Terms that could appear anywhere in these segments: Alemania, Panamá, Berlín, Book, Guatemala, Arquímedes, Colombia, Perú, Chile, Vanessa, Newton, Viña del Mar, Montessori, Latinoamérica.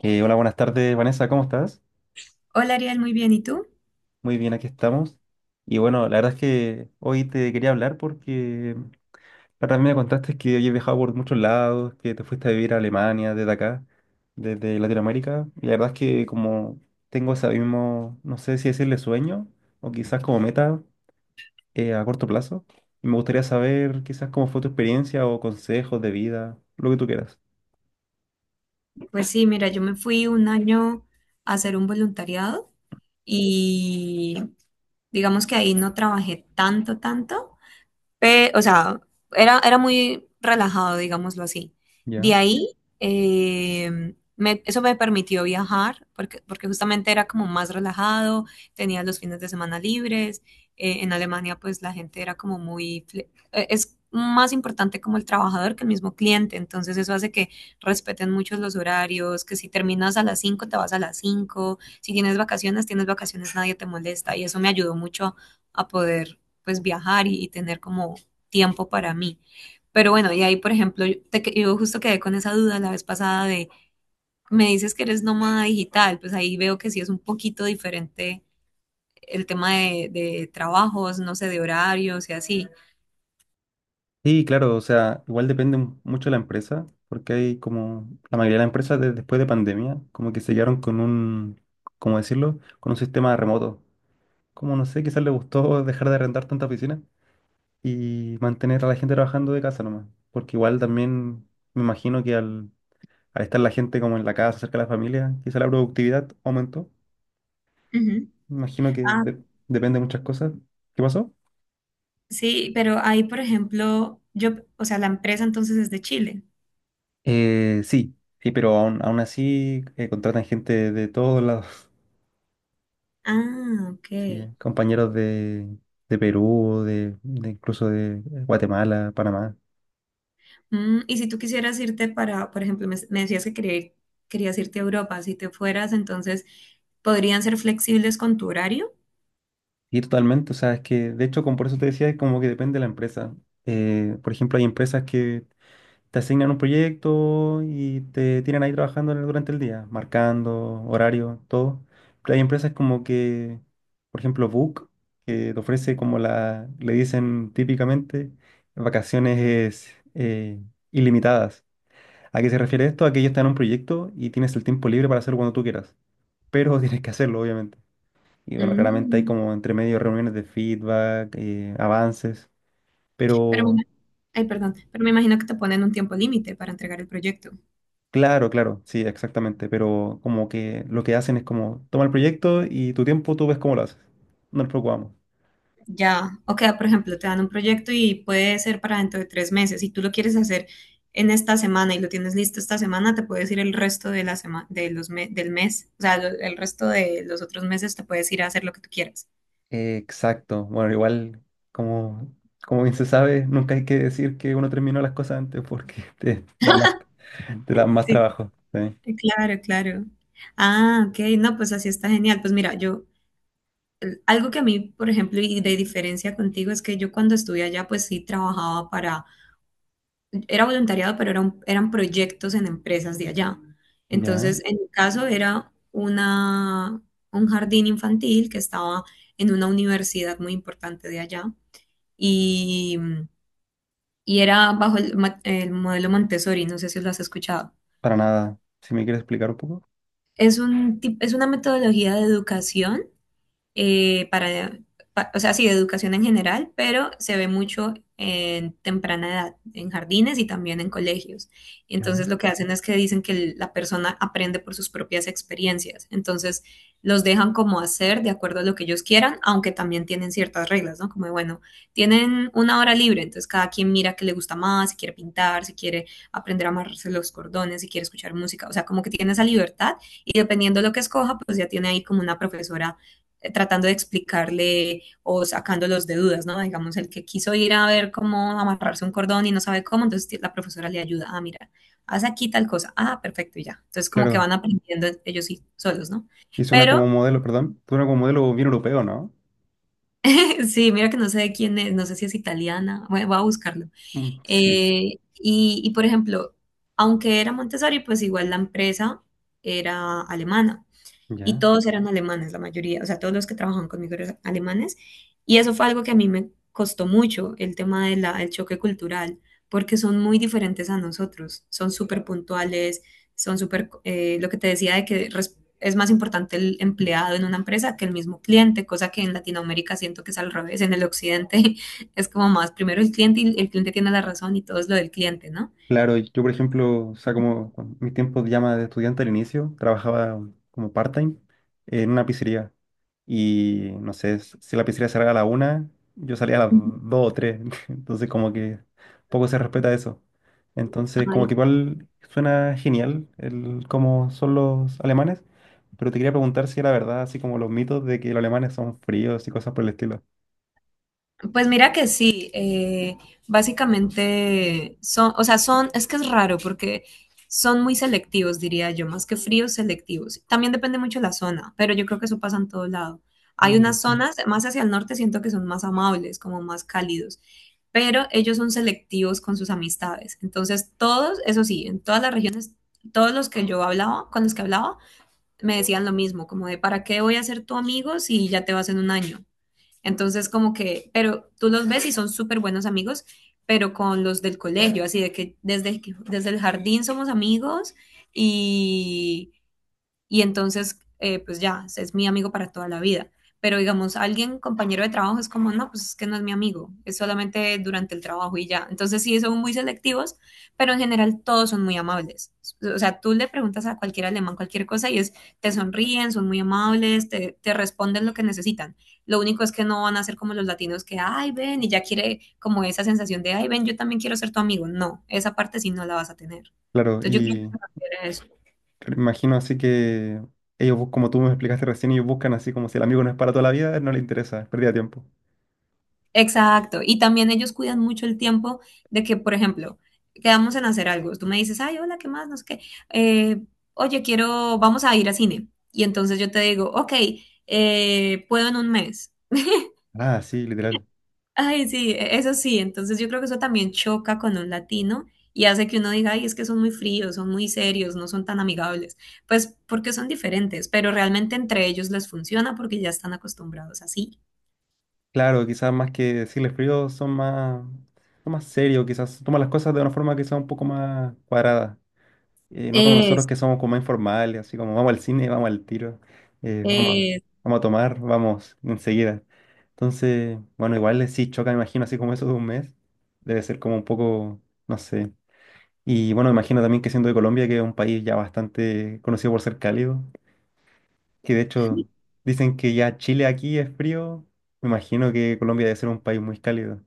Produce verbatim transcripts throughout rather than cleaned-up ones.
Eh, hola, buenas tardes, Vanessa, ¿cómo estás? Hola Ariel, muy bien. ¿Y tú? Muy bien, aquí estamos. Y bueno, la verdad es que hoy te quería hablar porque la verdad me contaste que hoy he viajado por muchos lados, que te fuiste a vivir a Alemania desde acá, desde Latinoamérica. Y la verdad es que como tengo ese mismo, no sé si decirle sueño o quizás como meta eh, a corto plazo, y me gustaría saber quizás cómo fue tu experiencia o consejos de vida, lo que tú quieras. Pues sí, mira, yo me fui un año a hacer un voluntariado y digamos que ahí no trabajé tanto, tanto, Pe- o sea, era, era muy relajado, digámoslo así. De ¿Ya? ahí, eh, me- eso me permitió viajar, porque, porque justamente era como más relajado, tenía los fines de semana libres. eh, en Alemania, pues la gente era como muy... fle- eh, Es más importante como el trabajador que el mismo cliente, entonces eso hace que respeten mucho los horarios, que si terminas a las cinco te vas a las cinco, si tienes vacaciones, tienes vacaciones, nadie te molesta, y eso me ayudó mucho a poder pues viajar y, y tener como tiempo para mí. Pero bueno, y ahí, por ejemplo, yo, te que- yo justo quedé con esa duda la vez pasada de, me dices que eres nómada digital, pues ahí veo que sí es un poquito diferente el tema de, de trabajos, no sé, de horarios y así. Sí, claro, o sea, igual depende mu- mucho de la empresa, porque hay como la mayoría de las empresas de- después de pandemia, como que se quedaron con un, ¿cómo decirlo? Con un sistema remoto. Como no sé, quizás le gustó dejar de arrendar tanta oficina y mantener a la gente trabajando de casa nomás, porque igual también me imagino que al, al estar la gente como en la casa, cerca de la familia, quizás la productividad aumentó. Ujú. Me imagino que Ah, de- depende de muchas cosas. ¿Qué pasó? sí, pero ahí, por ejemplo, yo, o sea, la empresa entonces es de Chile. Eh, sí, sí, pero aún, aún así eh, contratan gente de todos lados. Ah, ok. Sí, eh, compañeros de, de Perú, de, de incluso de Guatemala, Panamá. Mm, y si tú quisieras irte para, por ejemplo, me, me decías que quería ir- querías irte a Europa, si te fueras, entonces, ¿podrían ser flexibles con tu horario? Y totalmente, o sea, es que de hecho, como por eso te decía, es como que depende de la empresa. Eh, por ejemplo, hay empresas que te asignan un proyecto y te tienen ahí trabajando en el- durante el día, marcando, horario, todo. Pero hay empresas como que, por ejemplo, Book, que te ofrece como la, le dicen típicamente, vacaciones eh, ilimitadas. ¿A qué se refiere esto? A que ellos te dan un proyecto y tienes el tiempo libre para hacerlo cuando tú quieras, pero tienes que hacerlo, obviamente. Y bueno, claramente hay Mm, como entre medio reuniones de feedback, eh, avances, pero, me- pero ay, perdón, pero me imagino que te ponen un tiempo límite para entregar el proyecto. claro, claro, sí, exactamente, pero como que lo que hacen es como, toma el proyecto y tu tiempo tú ves cómo lo haces, no nos preocupamos. Ya, o sea, por ejemplo, te dan un proyecto y puede ser para dentro de tres meses. Si tú lo quieres hacer en esta semana y lo tienes listo esta semana, te puedes ir el resto de la semana, de los me- del mes, o sea, lo- el resto de los otros meses te puedes ir a hacer lo que tú quieras. Eh, exacto, bueno, igual como, como bien se sabe, nunca hay que decir que uno terminó las cosas antes porque te da más, te da más Sí. trabajo. ¿Sí? Eh, Claro, claro. Ah, ok, no, pues así está genial. Pues mira, yo, el- algo que a mí, por ejemplo, y de diferencia contigo es que yo cuando estuve allá, pues sí trabajaba para era voluntariado, pero eran, eran proyectos en empresas de allá. Ya. Entonces, en mi caso era una, un jardín infantil que estaba en una universidad muy importante de allá y, y era bajo el, ma- el modelo Montessori, no sé si lo has escuchado. Para nada. Si me quieres explicar un poco. Es un, tip- es una metodología de educación eh, para, pa- o sea, sí, de educación en general, pero se ve mucho en temprana edad, en jardines y también en colegios. Entonces Ya. lo que hacen es que dicen que el- la persona aprende por sus propias experiencias. Entonces los dejan como hacer de acuerdo a lo que ellos quieran, aunque también tienen ciertas reglas, ¿no? Como, de, bueno, tienen una hora libre, entonces cada quien mira qué le gusta más, si quiere pintar, si quiere aprender a amarrarse los cordones, si quiere escuchar música, o sea, como que tiene esa libertad y dependiendo de lo que escoja, pues ya tiene ahí como una profesora eh, tratando de explicarle o sacándolos de dudas, ¿no? Digamos, el que quiso ir a ver cómo amarrarse un cordón y no sabe cómo, entonces la profesora le ayuda, ah, mira, haz aquí tal cosa, ah, perfecto, y ya. Entonces como que Claro. van aprendiendo ellos sí, solos, ¿no? Y suena como Pero modelo, perdón. Suena como modelo bien europeo, ¿no? sí, mira que no sé de quién es, no sé si es italiana, bueno, voy a buscarlo. Mm, sí. Eh, y, y por ejemplo, aunque era Montessori, pues igual la empresa era alemana. Y Ya. todos eran alemanes, la mayoría, o sea, todos los que trabajaban conmigo eran alemanes, y eso fue algo que a mí me costó mucho, el tema del choque cultural, porque son muy diferentes a nosotros, son súper puntuales, son súper, eh, lo que te decía de que res- es más importante el empleado en una empresa que el mismo cliente, cosa que en Latinoamérica siento que es al revés, en el occidente es como más, primero el cliente y el cliente tiene la razón y todo es lo del cliente, ¿no? Claro, yo por ejemplo, o sea, como con mis tiempos de llama de estudiante al inicio, trabajaba como part-time en una pizzería. Y no sé, s- si la pizzería cerraba a la una, yo salía a las Ujú. dos o tres. Entonces como que poco se respeta eso. Entonces como Ay, que igual suena genial el cómo son los alemanes, pero te quería preguntar si era verdad, así como los mitos de que los alemanes son fríos y cosas por el estilo. pues mira que sí, eh, básicamente son, o sea, son, es que es raro porque son muy selectivos, diría yo, más que fríos, selectivos. También depende mucho de la zona, pero yo creo que eso pasa en todo lado. Sí, Hay igual unas sí. zonas, más hacia el norte siento que son más amables, como más cálidos, pero ellos son selectivos con sus amistades. Entonces, todos, eso sí, en todas las regiones, todos los que yo hablaba, con los que hablaba, me decían lo mismo, como de, ¿para qué voy a ser tu amigo si ya te vas en un año? Entonces, como que, pero tú los ves y son súper buenos amigos, pero con los del colegio, así de que desde, que- desde el jardín somos amigos y y entonces, eh, pues ya, es mi amigo para toda la vida. Pero digamos, alguien, compañero de trabajo, es como, no, pues es que no es mi amigo, es solamente durante el trabajo y ya. Entonces sí, son muy selectivos, pero en general todos son muy amables. O sea, tú le preguntas a cualquier alemán cualquier cosa y es, te sonríen, son muy amables, te, te responden lo que necesitan. Lo único es que no van a ser como los latinos que, ay, ven, y ya quiere como esa sensación de, ay, ven, yo también quiero ser tu amigo. No, esa parte sí no la vas a tener. Claro, Entonces yo creo que y se refiere a eso. claro, me imagino así que ellos, bus- como tú me explicaste recién, ellos buscan así como si el amigo no es para toda la vida, no le interesa, es pérdida de tiempo. Exacto. Y también ellos cuidan mucho el tiempo de que, por ejemplo, quedamos en hacer algo. Tú me dices, ay, hola, ¿qué más? No sé qué. Eh, oye, quiero, vamos a ir a cine. Y entonces yo te digo, ok, eh, puedo en un mes. Ah, sí, literal. Ay, sí, e- eso sí. Entonces yo creo que eso también choca con un latino y hace que uno diga, ay, es que son muy fríos, son muy serios, no son tan amigables. Pues porque son diferentes, pero realmente entre ellos les funciona porque ya están acostumbrados así. Claro, quizás más que decirles frío son más, son más serios, quizás toman las cosas de una forma quizás un poco más cuadrada. Eh, no como nosotros Es, que somos como más informales, así como vamos al cine, vamos al tiro, eh, vamos, a- es. vamos a tomar, vamos enseguida. Entonces, bueno, igual eh, sí choca, me imagino, así como eso de un mes. Debe ser como un poco, no sé. Y bueno, me imagino también que siendo de Colombia, que es un país ya bastante conocido por ser cálido, que de hecho dicen que ya Chile aquí es frío, me imagino que Colombia debe ser un país muy cálido.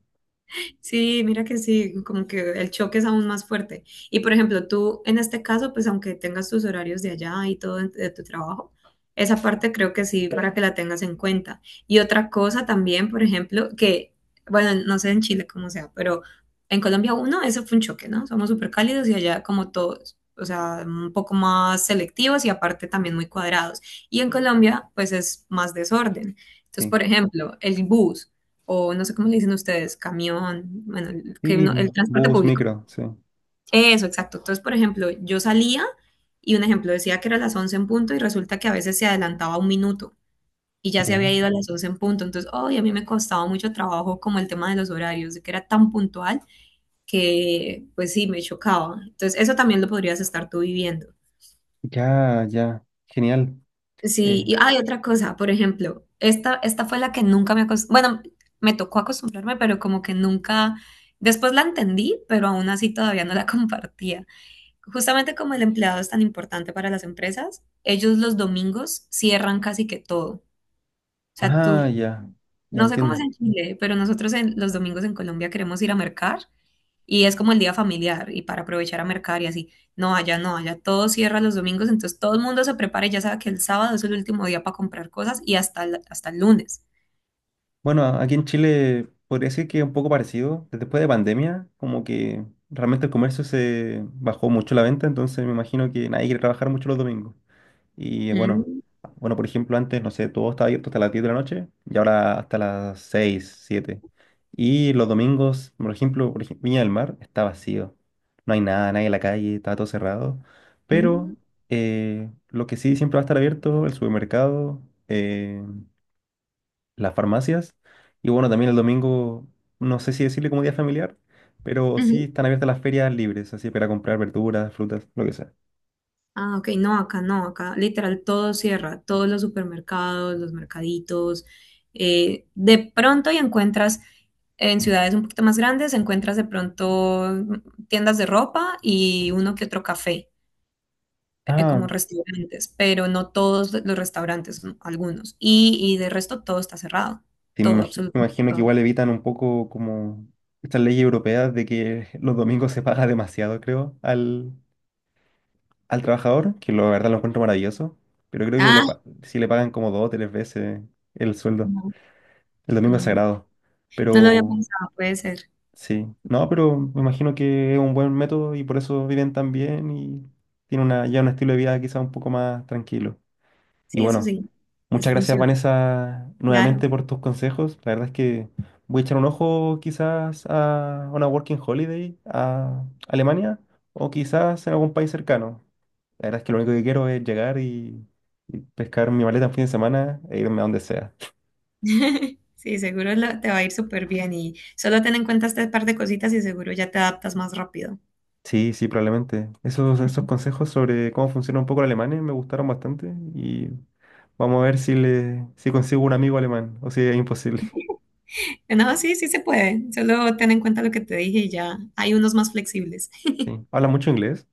Sí, mira que sí, como que el choque es aún más fuerte. Y por ejemplo, tú en este caso, pues aunque tengas tus horarios de allá y todo en- de tu trabajo, esa parte creo que sí, para que la tengas en cuenta. Y otra cosa también, por ejemplo, que, bueno, no sé en Chile cómo sea, pero en Colombia uno, eso fue un choque, ¿no? Somos súper cálidos y allá como todos, o sea, un poco más selectivos y aparte también muy cuadrados. Y en Colombia, pues es más desorden. Entonces, Sí. por ejemplo, el bus o no sé cómo le dicen ustedes, camión, bueno, el- que Y uno, el mm, transporte bus, público. micro, sí. Eso, exacto. Entonces, por ejemplo, yo salía y un ejemplo decía que era las once en punto y resulta que a veces se adelantaba un minuto y ya se había Ya, ido a las once en punto. Entonces, hoy a mí me costaba mucho trabajo como el tema de los horarios, de que era tan puntual que pues sí, me chocaba. Entonces, eso también lo podrías estar tú viviendo. ya, ya. Genial. Sí, Eh, y hay otra cosa, por ejemplo, esta, esta fue la que nunca me acostumbré, bueno, me tocó acostumbrarme, pero como que nunca, después la entendí, pero aún así todavía no la compartía. Justamente como el empleado es tan importante para las empresas, ellos los domingos cierran casi que todo. O sea, tú, ah, ya, ya no sé cómo es entiendo. en Chile, pero nosotros en, los domingos en Colombia queremos ir a mercar y es como el día familiar y para aprovechar a mercar y así. No, allá no, allá todo cierra los domingos, entonces todo el mundo se prepara y ya sabe que el sábado es el último día para comprar cosas y hasta el, hasta el lunes. Bueno, a- aquí en Chile podría decir que es un poco parecido. Después de pandemia, como que realmente el comercio se bajó mucho la venta, entonces me imagino que nadie quiere trabajar mucho los domingos. Y bueno, Mm, bueno, por ejemplo, antes, no sé, todo estaba abierto hasta las diez de la noche y ahora hasta las seis siete. Y los domingos, por ejemplo, por ej- Viña del Mar está vacío. No hay nada, nadie en la calle, está todo cerrado. mm, Pero eh, lo que sí siempre va a estar abierto, el supermercado, eh, las farmacias. Y bueno, también el domingo, no sé si decirle como día familiar, pero sí ujú. están abiertas las ferias libres, así para comprar verduras, frutas, lo que sea. Ah, ok, no, acá no, acá literal todo cierra, todos los supermercados, los mercaditos. eh, de pronto y encuentras en ciudades un poquito más grandes, encuentras de pronto mm, tiendas de ropa y uno que otro café eh, Ah, como restaurantes, pero no todos los restaurantes, no, algunos. Y, y de resto todo está cerrado, sí, me todo, imagi- me absolutamente imagino que todo. igual evitan un poco como estas leyes europeas de que los domingos se paga demasiado, creo, al, al trabajador, que lo- la verdad lo encuentro maravilloso, pero creo que le, Ah, pa- si le pagan como dos o tres veces el sueldo. no, El domingo es mm, sagrado. no lo había Pero pensado, puede ser. sí, no, pero me imagino que es un buen método y por eso viven tan bien y tienen una, ya un estilo de vida quizá un poco más tranquilo. Y Sí, eso bueno. sí, les Muchas gracias, funciona, Vanessa, claro. nuevamente por tus consejos. La verdad es que voy a echar un ojo quizás a una working holiday a Alemania o quizás en algún país cercano. La verdad es que lo único que quiero es llegar y, y pescar mi maleta en fin de semana e irme a donde sea. Sí, seguro la- te va a ir súper bien y solo ten en cuenta este par de cositas y seguro ya te adaptas más rápido. Sí, sí, probablemente. Esos, esos consejos sobre cómo funciona un poco el alemán eh, me gustaron bastante y vamos a ver si, le, si consigo un amigo alemán o si es imposible. No, sí, sí se puede. Solo ten en cuenta lo que te dije y ya hay unos más flexibles. Sí. ¿Habla mucho inglés?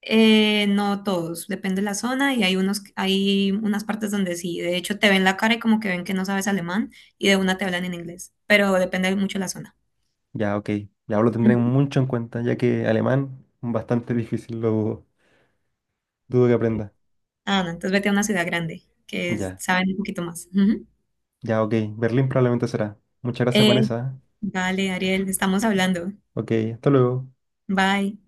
Eh, no todos, depende de la zona y hay unos, hay unas partes donde sí, de hecho te ven la cara y como que ven que no sabes alemán y de una te hablan en inglés, pero depende mucho de la zona. Ya, ok. Ya pues, lo tendré Ujú. mucho en cuenta, ya que alemán bastante difícil, lo dudo. Dudo que aprenda. Ah, no, entonces vete a una ciudad grande que es- Ya, saben un poquito más. Ujú. ya, ok. Berlín probablemente será. Muchas gracias, Eh, Vanessa. vale, Ariel, estamos hablando. Ok, hasta luego. Bye.